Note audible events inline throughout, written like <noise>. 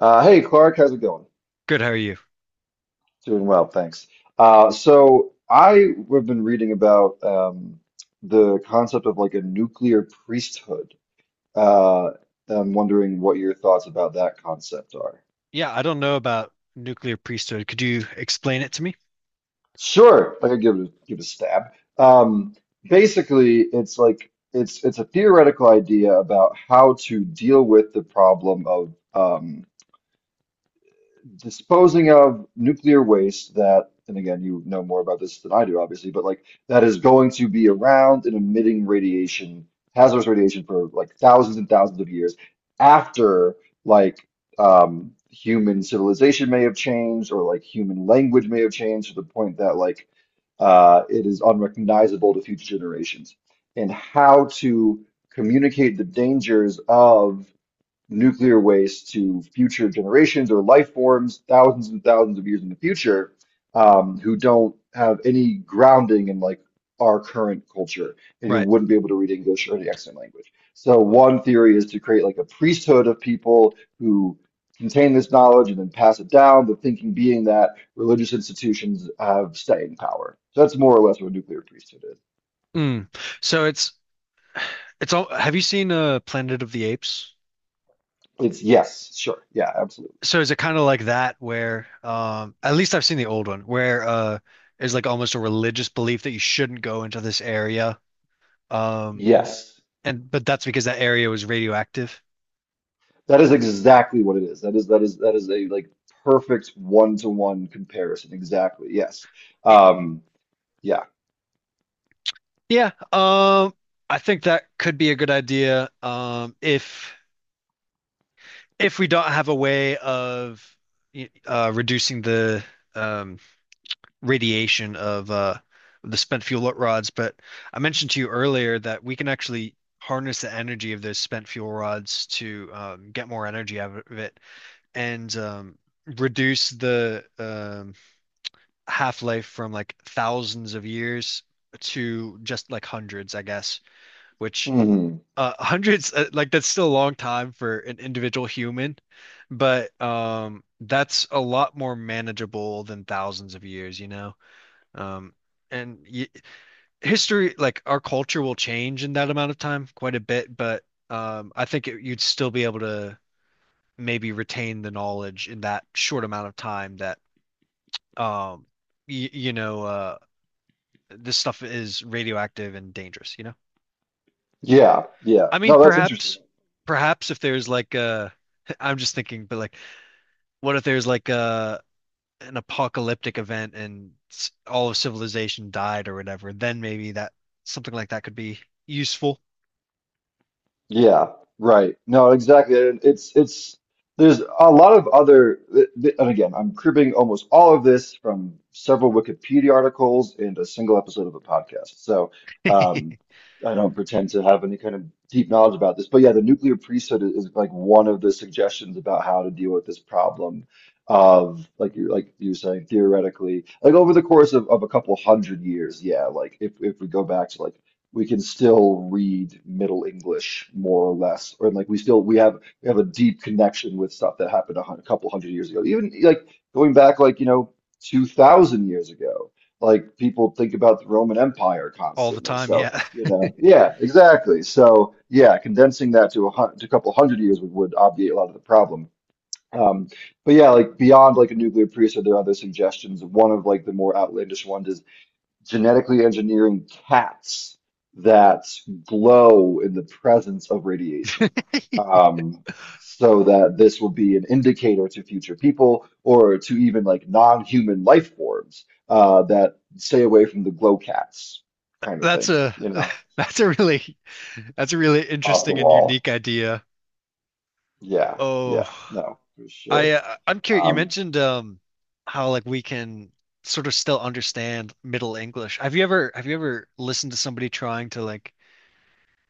Hey, Clark, how's it going? Good, how are you? Doing well, thanks. So I have been reading about the concept of like a nuclear priesthood. Uh, I'm wondering what your thoughts about that concept are. Yeah, I don't know about nuclear priesthood. Could you explain it to me? Sure, I could give it a stab. Um, Basically, it's like it's a theoretical idea about how to deal with the problem of disposing of nuclear waste that, and again, you know more about this than I do, obviously, but like that is going to be around and emitting radiation, hazardous radiation for like thousands and thousands of years after like human civilization may have changed or like human language may have changed to the point that it is unrecognizable to future generations. And how to communicate the dangers of nuclear waste to future generations or life forms thousands and thousands of years in the future who don't have any grounding in like our current culture and who Right. wouldn't be able to read English or the extant language. So one theory is to create like a priesthood of people who contain this knowledge and then pass it down, the thinking being that religious institutions have staying power. So that's more or less what a nuclear priesthood is. Mm. So it's all have you seen Planet of the Apes? It's yes, sure, yeah, absolutely. So is it kind of like that where at least I've seen the old one where is like almost a religious belief that you shouldn't go into this area. Um Yes. and But that's because that area was radioactive. That is exactly what it is. That is a like perfect one-to-one comparison. Exactly. Yes. It, Um, yeah. yeah, I think that could be a good idea if we don't have a way of reducing the um, radiation of the spent fuel rods, but I mentioned to you earlier that we can actually harness the energy of those spent fuel rods to get more energy out of it and reduce the half-life from like thousands of years to just like hundreds, I guess, which hmm <laughs> hundreds, like that's still a long time for an individual human, but that's a lot more manageable than thousands of years. um and y history like our culture, will change in that amount of time quite a bit, but I think you'd still be able to maybe retain the knowledge in that short amount of time that um y you know this stuff is radioactive and dangerous. Yeah. Yeah. I mean, No, that's interesting. perhaps, perhaps if there's <laughs> I'm just thinking, but like, what if there's like a an apocalyptic event and all of civilization died or whatever? Then maybe that something like that could be useful. Yeah, right. No, exactly. And it's there's a lot of other and again, I'm cribbing almost all of this from several Wikipedia articles and a single episode of a podcast. So, um, <laughs> I don't pretend to have any kind of deep knowledge about this, but yeah, the nuclear priesthood is like one of the suggestions about how to deal with this problem of like you were saying theoretically, like over the course of a couple hundred years, yeah, like if we go back to like we can still read Middle English more or less, or like we have a deep connection with stuff that happened a couple hundred years ago. Even like going back like you know 2,000 years ago, like people think about the Roman Empire All the constantly. time. So Yeah, you know, yeah, exactly. So yeah, condensing that to a hun to a couple hundred years would obviate a lot of the problem. Um, but yeah, like beyond like a nuclear priest, are there other suggestions? One of like the more outlandish ones is genetically engineering cats that glow in the presence of radiation. <laughs> Um, so that this will be an indicator to future people or to even like non-human life forms that stay away from the glow cats kind of that's thing, a you <laughs> know, that's a really, that's a really off the interesting and wall. unique idea. Yeah, Oh, yeah, no, for sure. I'm curious. You Um, mentioned how like we can sort of still understand Middle English. Have you ever listened to somebody trying to like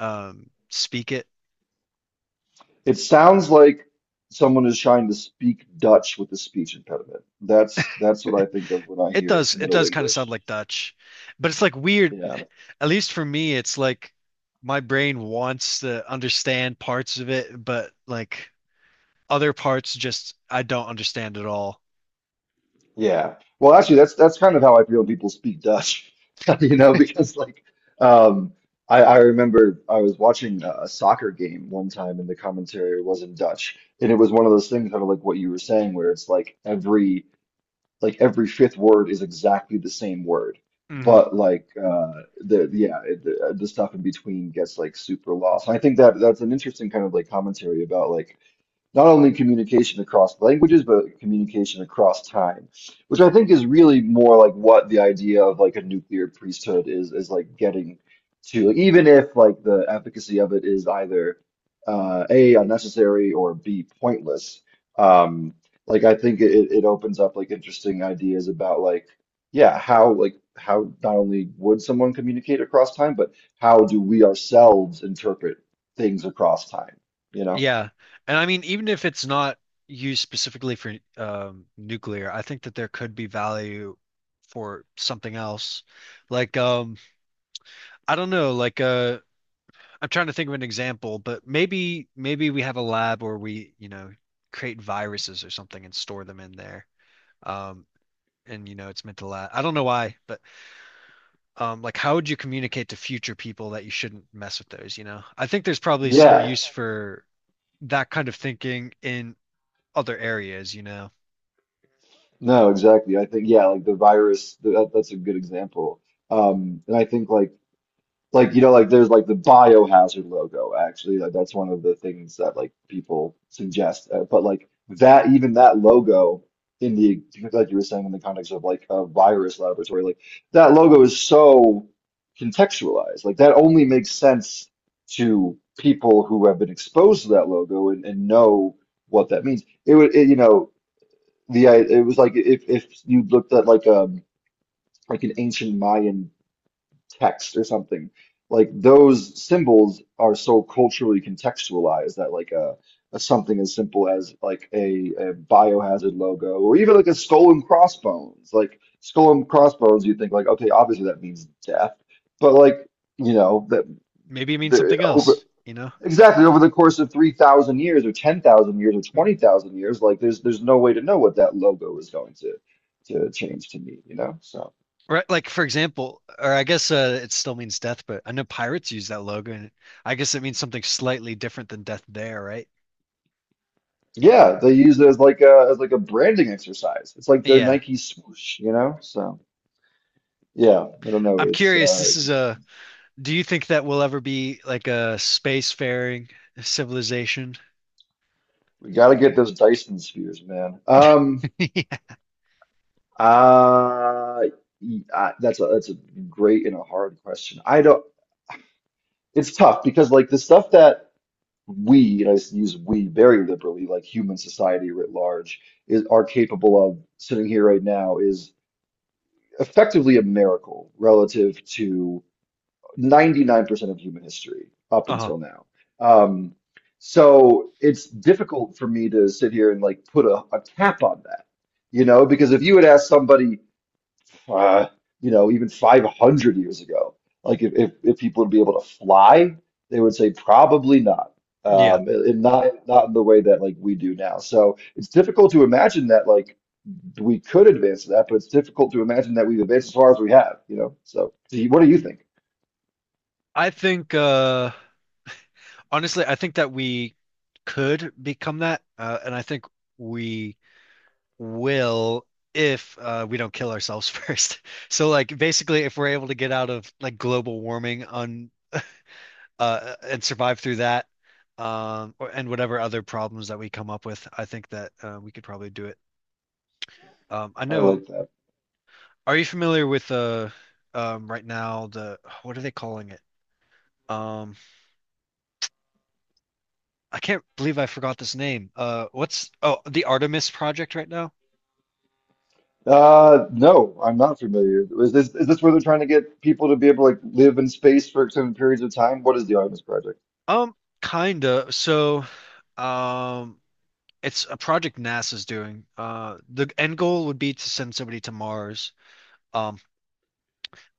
speak it. it sounds like someone is trying to speak Dutch with a speech impediment. That's what I think of when I hear It Middle does kind of sound English. like Dutch, but it's like weird. Yeah. At least for me, it's like my brain wants to understand parts of it, but like other parts just I don't understand at all. Yeah. Well, actually, that's kind of how I feel when people speak Dutch, <laughs> you know, because um I remember I was watching a soccer game one time and the commentary was in Dutch. And it was one of those things kind of like what you were saying where it's like every fifth word is exactly the same word. Hmm. But like the yeah, the stuff in between gets like super lost. And I think that that's an interesting kind of like commentary about like not only communication across languages, but communication across time, which I think is really more like what the idea of like a nuclear priesthood is like getting to, like, even if like the efficacy of it is either A, unnecessary or B, pointless. Um, like I think it opens up like interesting ideas about like, yeah, how like how not only would someone communicate across time, but how do we ourselves interpret things across time, you know? Yeah. And I mean, even if it's not used specifically for nuclear, I think that there could be value for something else. Like I don't know, like I'm trying to think of an example, but maybe we have a lab where we, you know, create viruses or something and store them in there. Um, and you know, it's meant to last. I don't know why, but like, how would you communicate to future people that you shouldn't mess with those? You know, I think there's probably some Yeah. use for that kind of thinking in other areas. You know, No, exactly. I think yeah, like the virus, that's a good example. And I think you know like there's like the biohazard logo actually like that's one of the things that like people suggest. But like that even that logo in the like you were saying in the context of like a virus laboratory like that logo is so contextualized. Like that only makes sense to people who have been exposed to that logo and know what that means. It would you know the it was like if you looked at like an ancient Mayan text or something, like those symbols are so culturally contextualized that like a something as simple as like a biohazard logo or even like a skull and crossbones, like skull and crossbones, you think like okay, obviously that means death, but like you know that. maybe it means The something else. You know, Exactly, over the course of 3,000 years or 10,000 years or 20,000 years, like there's no way to know what that logo is going to change to mean, you know? So, right? Like for example, or I guess, it still means death, but I know pirates use that logo, and I guess it means something slightly different than death there, right? yeah, they use it as like a branding exercise. It's like their Yeah. Nike swoosh, you know? So, yeah, I don't know, I'm curious, this it's is a, interesting. do you think that we'll ever be like a spacefaring civilization? <laughs> We got to get those Dyson spheres, man. Yeah. uh, that's a great and a hard question. I don't, it's tough because like the stuff that we, and use we very liberally, like human society writ large, is are capable of sitting here right now is effectively a miracle relative to 99% of human history up Uh-huh. until now. Um, so it's difficult for me to sit here and like put a cap on that, you know, because if you had asked somebody uh, you know, even 500 years ago. Like if people would be able to fly, they would say probably not. Yeah. And not in the way that like we do now. So it's difficult to imagine that like we could advance to that, but it's difficult to imagine that we've advanced as far as we have, you know. So what do you think? I think honestly, I think that we could become that, and I think we will if we don't kill ourselves <laughs> first. So like basically if we're able to get out of like global warming on and survive through that and whatever other problems that we come up with, I think that, we could probably do it. I I know, like that. are you familiar with right now the, what are they calling it? Um, I can't believe I forgot this name. What's oh The Artemis project right now? No, I'm not familiar. Is this where they're trying to get people to be able to like live in space for extended periods of time? What is the Artemis Project? Um Kinda. So um it's a project NASA's doing. The end goal would be to send somebody to Mars. Um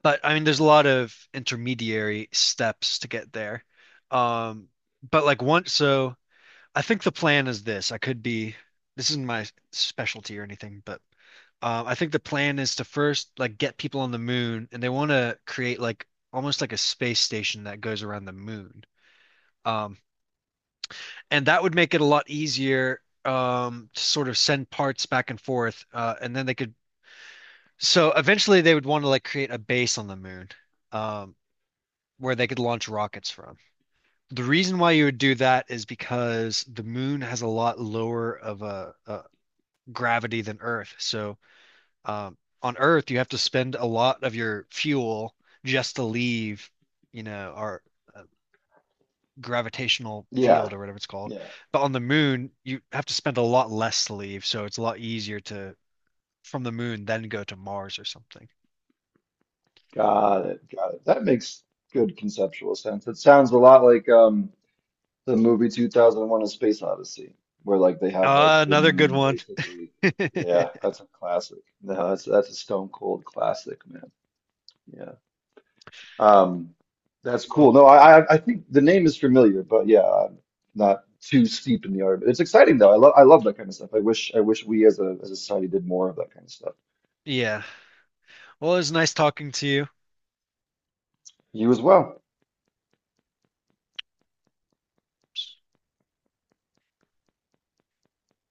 but I mean there's a lot of intermediary steps to get there. Um but like once so I think the plan is this. I could be This isn't my specialty or anything, but I think the plan is to first like get people on the moon, and they want to create like almost like a space station that goes around the moon. Um, and that would make it a lot easier, to sort of send parts back and forth, and then they could. So eventually, they would want to like create a base on the moon um, where they could launch rockets from. The reason why you would do that is because the moon has a lot lower of a gravity than Earth. So on Earth, you have to spend a lot of your fuel just to leave, you know, our uh, gravitational Yeah, field or whatever it's called. yeah. But on the moon, you have to spend a lot less to leave, so it's a lot easier to from the moon then go to Mars or something. Got it. Got it. That makes good conceptual sense. It sounds a lot like the movie 2001: A Space Odyssey, where like they have like the Another good moon one. basically. Yeah, <laughs> that's a classic. No, that's a stone cold classic, man. Yeah. Um, that's Well, cool. No, I think the name is familiar, but yeah, I'm not too steep in the art. It's exciting though. I love that kind of stuff. I wish we as a society did more of that kind of stuff. yeah. Well, it was nice talking to you. You as well.